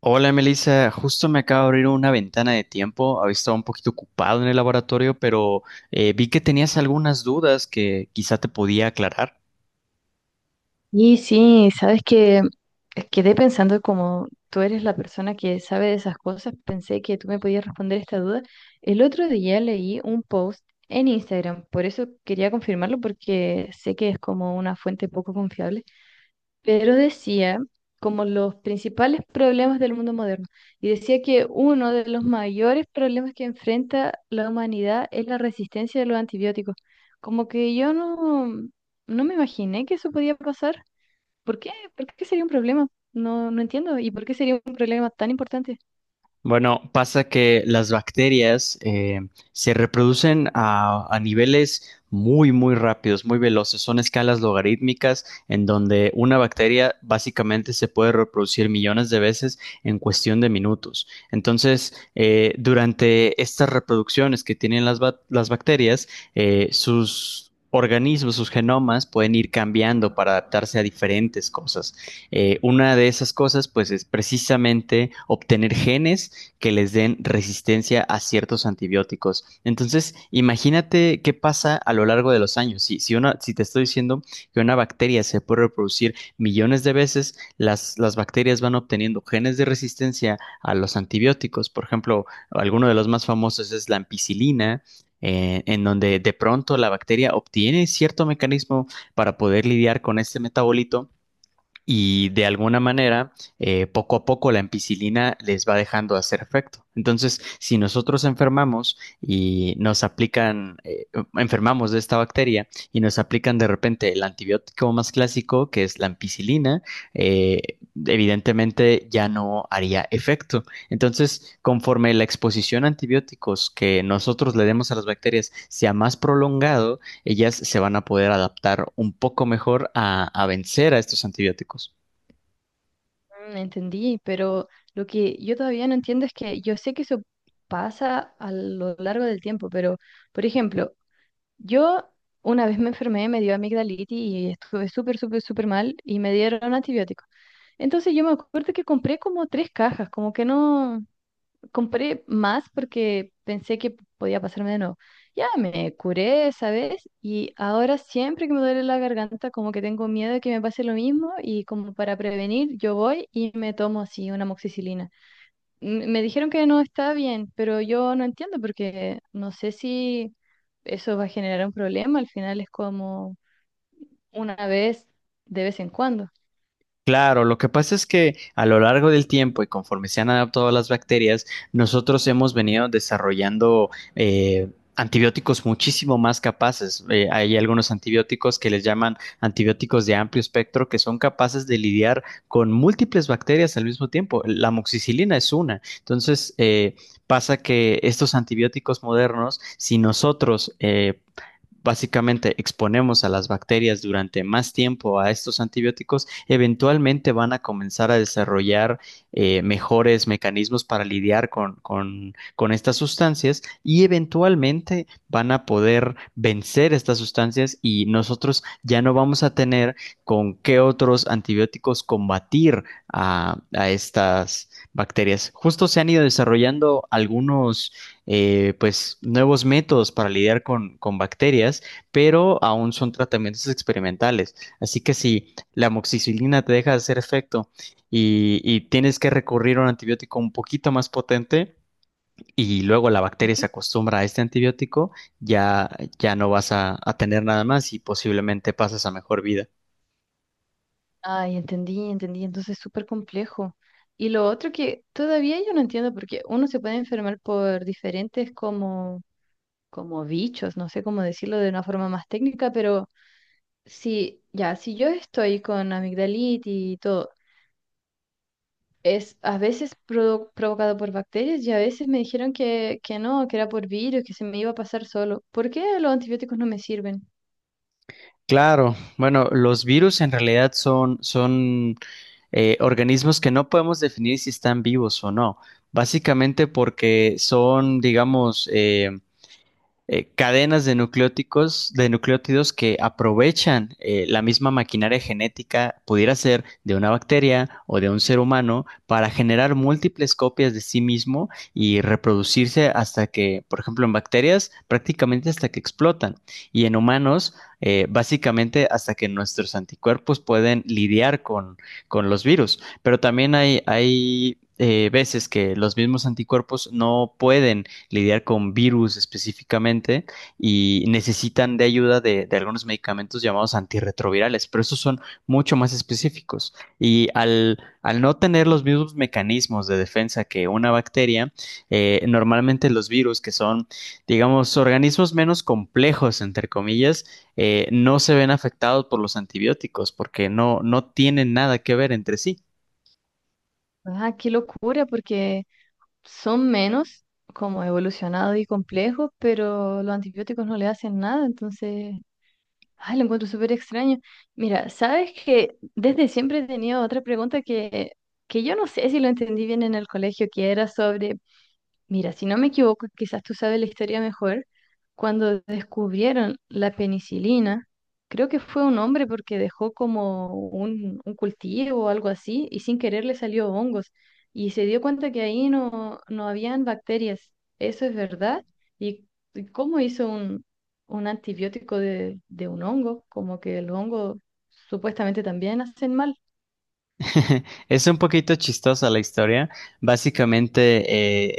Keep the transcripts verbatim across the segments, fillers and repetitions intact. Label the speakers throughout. Speaker 1: Hola Melissa, justo me acaba de abrir una ventana de tiempo. Había estado un poquito ocupado en el laboratorio, pero eh, vi que tenías algunas dudas que quizá te podía aclarar.
Speaker 2: Y sí, sabes que eh, quedé pensando como tú eres la persona que sabe de esas cosas, pensé que tú me podías responder esta duda. El otro día leí un post en Instagram, por eso quería confirmarlo porque sé que es como una fuente poco confiable, pero decía como los principales problemas del mundo moderno y decía que uno de los mayores problemas que enfrenta la humanidad es la resistencia de los antibióticos. Como que yo no, no me imaginé que eso podía pasar. ¿Por qué? ¿Por qué sería un problema? No, no entiendo. ¿Y por qué sería un problema tan importante?
Speaker 1: Bueno, pasa que las bacterias eh, se reproducen a, a niveles muy, muy rápidos, muy veloces. Son escalas logarítmicas en donde una bacteria básicamente se puede reproducir millones de veces en cuestión de minutos. Entonces, eh, durante estas reproducciones que tienen las, ba- las bacterias, eh, sus... organismos, sus genomas pueden ir cambiando para adaptarse a diferentes cosas. Eh, una de esas cosas, pues, es precisamente obtener genes que les den resistencia a ciertos antibióticos. Entonces, imagínate qué pasa a lo largo de los años. Si, si, una, si te estoy diciendo que una bacteria se puede reproducir millones de veces, las, las bacterias van obteniendo genes de resistencia a los antibióticos. Por ejemplo, alguno de los más famosos es la ampicilina, eh, en donde de pronto la bacteria obtiene cierto mecanismo para poder lidiar con este metabolito y de alguna manera, eh, poco a poco la ampicilina les va dejando de hacer efecto. Entonces, si nosotros enfermamos y nos aplican, eh, enfermamos de esta bacteria y nos aplican de repente el antibiótico más clásico, que es la ampicilina, eh, evidentemente ya no haría efecto. Entonces, conforme la exposición a antibióticos que nosotros le demos a las bacterias sea más prolongado, ellas se van a poder adaptar un poco mejor a, a vencer a estos antibióticos.
Speaker 2: Mm, entendí, pero lo que yo todavía no entiendo es que yo sé que eso pasa a lo largo del tiempo, pero, por ejemplo, yo una vez me enfermé, me dio amigdalitis y estuve súper, súper, súper mal y me dieron antibióticos. Entonces yo me acuerdo que compré como tres cajas, como que no, compré más porque pensé que podía pasarme de nuevo. Ya me curé esa vez y ahora siempre que me duele la garganta como que tengo miedo de que me pase lo mismo y como para prevenir yo voy y me tomo así una amoxicilina. M- Me dijeron que no está bien, pero yo no entiendo porque no sé si eso va a generar un problema, al final es como una vez de vez en cuando.
Speaker 1: Claro, lo que pasa es que a lo largo del tiempo y conforme se han adaptado las bacterias, nosotros hemos venido desarrollando eh, antibióticos muchísimo más capaces. Eh, hay algunos antibióticos que les llaman antibióticos de amplio espectro que son capaces de lidiar con múltiples bacterias al mismo tiempo. La amoxicilina es una. Entonces, eh, pasa que estos antibióticos modernos, si nosotros eh, básicamente exponemos a las bacterias durante más tiempo a estos antibióticos, eventualmente van a comenzar a desarrollar eh, mejores mecanismos para lidiar con, con, con estas sustancias y eventualmente van a poder vencer estas sustancias y nosotros ya no vamos a tener con qué otros antibióticos combatir a, a estas bacterias. Justo se han ido desarrollando algunos eh, pues nuevos métodos para lidiar con, con bacterias, pero aún son tratamientos experimentales. Así que si la amoxicilina te deja de hacer efecto y, y tienes que recurrir a un antibiótico un poquito más potente y luego la bacteria se acostumbra a este antibiótico, ya, ya no vas a, a tener nada más y posiblemente pasas a mejor vida.
Speaker 2: Ay, entendí, entendí. Entonces es súper complejo. Y lo otro que todavía yo no entiendo, porque uno se puede enfermar por diferentes como, como bichos, no sé cómo decirlo de una forma más técnica, pero si ya, si yo estoy con amigdalitis y todo, es a veces produ- provocado por bacterias y a veces me dijeron que, que no, que era por virus, que se me iba a pasar solo. ¿Por qué los antibióticos no me sirven?
Speaker 1: Claro, bueno, los virus en realidad son, son eh, organismos que no podemos definir si están vivos o no, básicamente porque son, digamos, eh, eh, cadenas de nucleóticos, de nucleótidos que aprovechan eh, la misma maquinaria genética, pudiera ser de una bacteria o de un ser humano, para generar múltiples copias de sí mismo y reproducirse hasta que, por ejemplo, en bacterias, prácticamente hasta que explotan. Y en humanos, eh, básicamente hasta que nuestros anticuerpos pueden lidiar con, con los virus. Pero también hay, hay eh, veces que los mismos anticuerpos no pueden lidiar con virus específicamente y necesitan de ayuda de, de algunos medicamentos llamados antirretrovirales, pero estos son mucho más específicos. Y al, al no tener los mismos mecanismos de defensa que una bacteria, eh, normalmente los virus, que son, digamos, organismos menos complejos, entre comillas, eh, no se ven afectados por los antibióticos porque no, no tienen nada que ver entre sí.
Speaker 2: Ah, qué locura, porque son menos como evolucionados y complejos, pero los antibióticos no le hacen nada, entonces, ay, lo encuentro súper extraño. Mira, sabes que desde siempre he tenido otra pregunta que, que yo no sé si lo entendí bien en el colegio, que era sobre. Mira, si no me equivoco, quizás tú sabes la historia mejor, cuando descubrieron la penicilina, creo que fue un hombre porque dejó como un, un cultivo o algo así y sin querer le salió hongos y se dio cuenta que ahí no, no habían bacterias. ¿Eso es verdad? ¿Y y cómo hizo un, un antibiótico de, de un hongo? Como que el hongo supuestamente también hacen mal.
Speaker 1: Es un poquito chistosa la historia. Básicamente,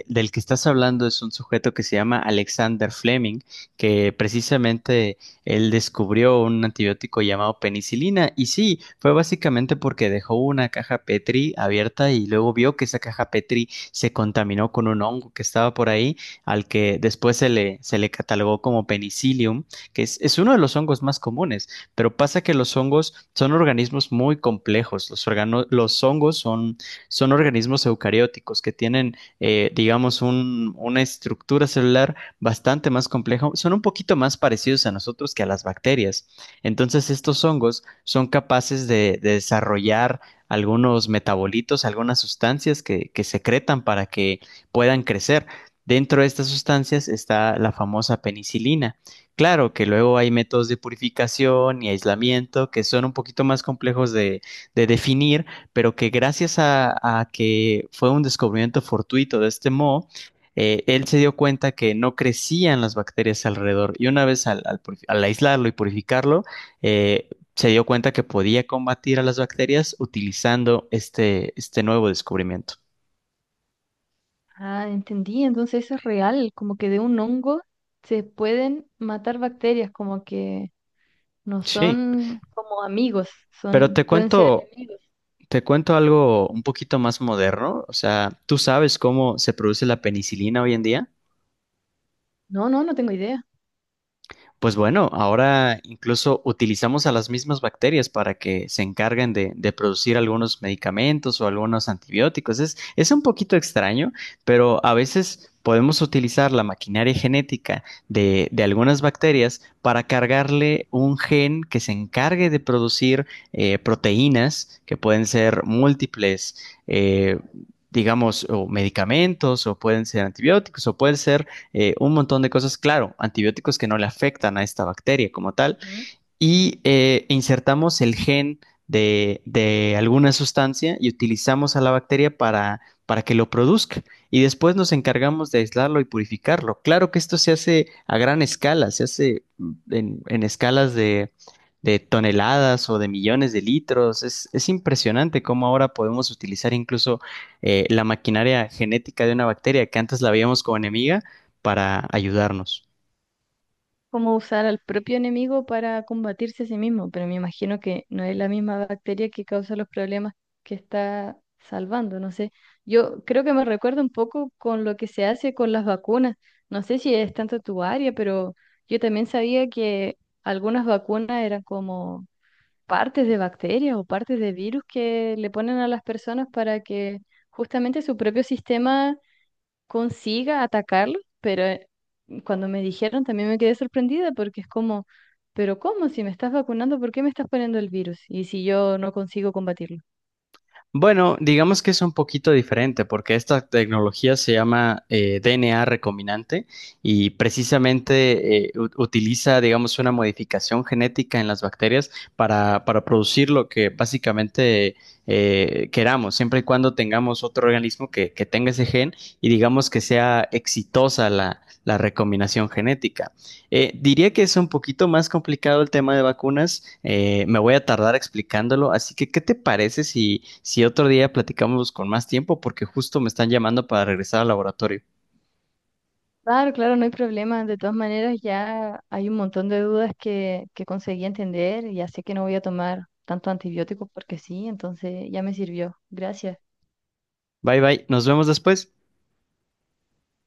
Speaker 1: eh, del que estás hablando es un sujeto que se llama Alexander Fleming, que precisamente él descubrió un antibiótico llamado penicilina. Y sí, fue básicamente porque dejó una caja Petri abierta y luego vio que esa caja Petri se contaminó con un hongo que estaba por ahí, al que después se le, se le catalogó como penicillium, que es, es uno de los hongos más comunes. Pero pasa que los hongos son organismos muy complejos. Los, organo- los hongos son, son organismos eucarióticos que tienen, eh, digamos, un- una estructura celular bastante más compleja. Son un poquito más parecidos a nosotros que a las bacterias. Entonces, estos hongos son capaces de, de desarrollar algunos metabolitos, algunas sustancias que, que secretan para que puedan crecer. Dentro de estas sustancias está la famosa penicilina. Claro que luego hay métodos de purificación y aislamiento que son un poquito más complejos de, de definir, pero que gracias a, a que fue un descubrimiento fortuito de este moho, eh, él se dio cuenta que no crecían las bacterias alrededor y una vez al, al purifi- al aislarlo y purificarlo, eh, se dio cuenta que podía combatir a las bacterias utilizando este, este nuevo descubrimiento.
Speaker 2: Ah, entendí. Entonces eso es real, como que de un hongo se pueden matar bacterias, como que no
Speaker 1: Sí,
Speaker 2: son como amigos,
Speaker 1: pero
Speaker 2: son,
Speaker 1: te
Speaker 2: pueden ser
Speaker 1: cuento
Speaker 2: enemigos.
Speaker 1: te cuento algo un poquito más moderno. O sea, ¿tú sabes cómo se produce la penicilina hoy en día?
Speaker 2: No, no, no tengo idea.
Speaker 1: Pues bueno, ahora incluso utilizamos a las mismas bacterias para que se encarguen de, de producir algunos medicamentos o algunos antibióticos. Es, es un poquito extraño, pero a veces podemos utilizar la maquinaria genética de, de algunas bacterias para cargarle un gen que se encargue de producir eh, proteínas que pueden ser múltiples. eh, digamos, o medicamentos, o pueden ser antibióticos, o pueden ser eh, un montón de cosas, claro, antibióticos que no le afectan a esta bacteria como tal,
Speaker 2: Ujú.
Speaker 1: y eh, insertamos el gen de, de alguna sustancia y utilizamos a la bacteria para, para que lo produzca. Y después nos encargamos de aislarlo y purificarlo. Claro que esto se hace a gran escala, se hace mm, en, en escalas de, de toneladas o de millones de litros. Es, es impresionante cómo ahora podemos utilizar incluso eh, la maquinaria genética de una bacteria que antes la veíamos como enemiga para ayudarnos.
Speaker 2: Cómo usar al propio enemigo para combatirse a sí mismo, pero me imagino que no es la misma bacteria que causa los problemas que está salvando, no sé. Yo creo que me recuerda un poco con lo que se hace con las vacunas. No sé si es tanto tu área, pero yo también sabía que algunas vacunas eran como partes de bacterias o partes de virus que le ponen a las personas para que justamente su propio sistema consiga atacarlo, pero eh, cuando me dijeron también me quedé sorprendida porque es como, pero ¿cómo? Si me estás vacunando, ¿por qué me estás poniendo el virus? Y si yo no consigo combatirlo.
Speaker 1: Bueno, digamos que es un poquito diferente porque esta tecnología se llama eh, D N A recombinante y precisamente eh, u- utiliza, digamos, una modificación genética en las bacterias para, para producir lo que básicamente eh, queramos, siempre y cuando tengamos otro organismo que, que tenga ese gen y digamos que sea exitosa la, la recombinación genética. Eh, diría que es un poquito más complicado el tema de vacunas. eh, me voy a tardar explicándolo, así que ¿qué te parece si, si otro día platicamos con más tiempo? Porque justo me están llamando para regresar al laboratorio.
Speaker 2: Claro, claro, no hay problema. De todas maneras, ya hay un montón de dudas que, que conseguí entender. Y ya sé que no voy a tomar tanto antibiótico porque sí, entonces ya me sirvió. Gracias.
Speaker 1: Bye bye, nos vemos después.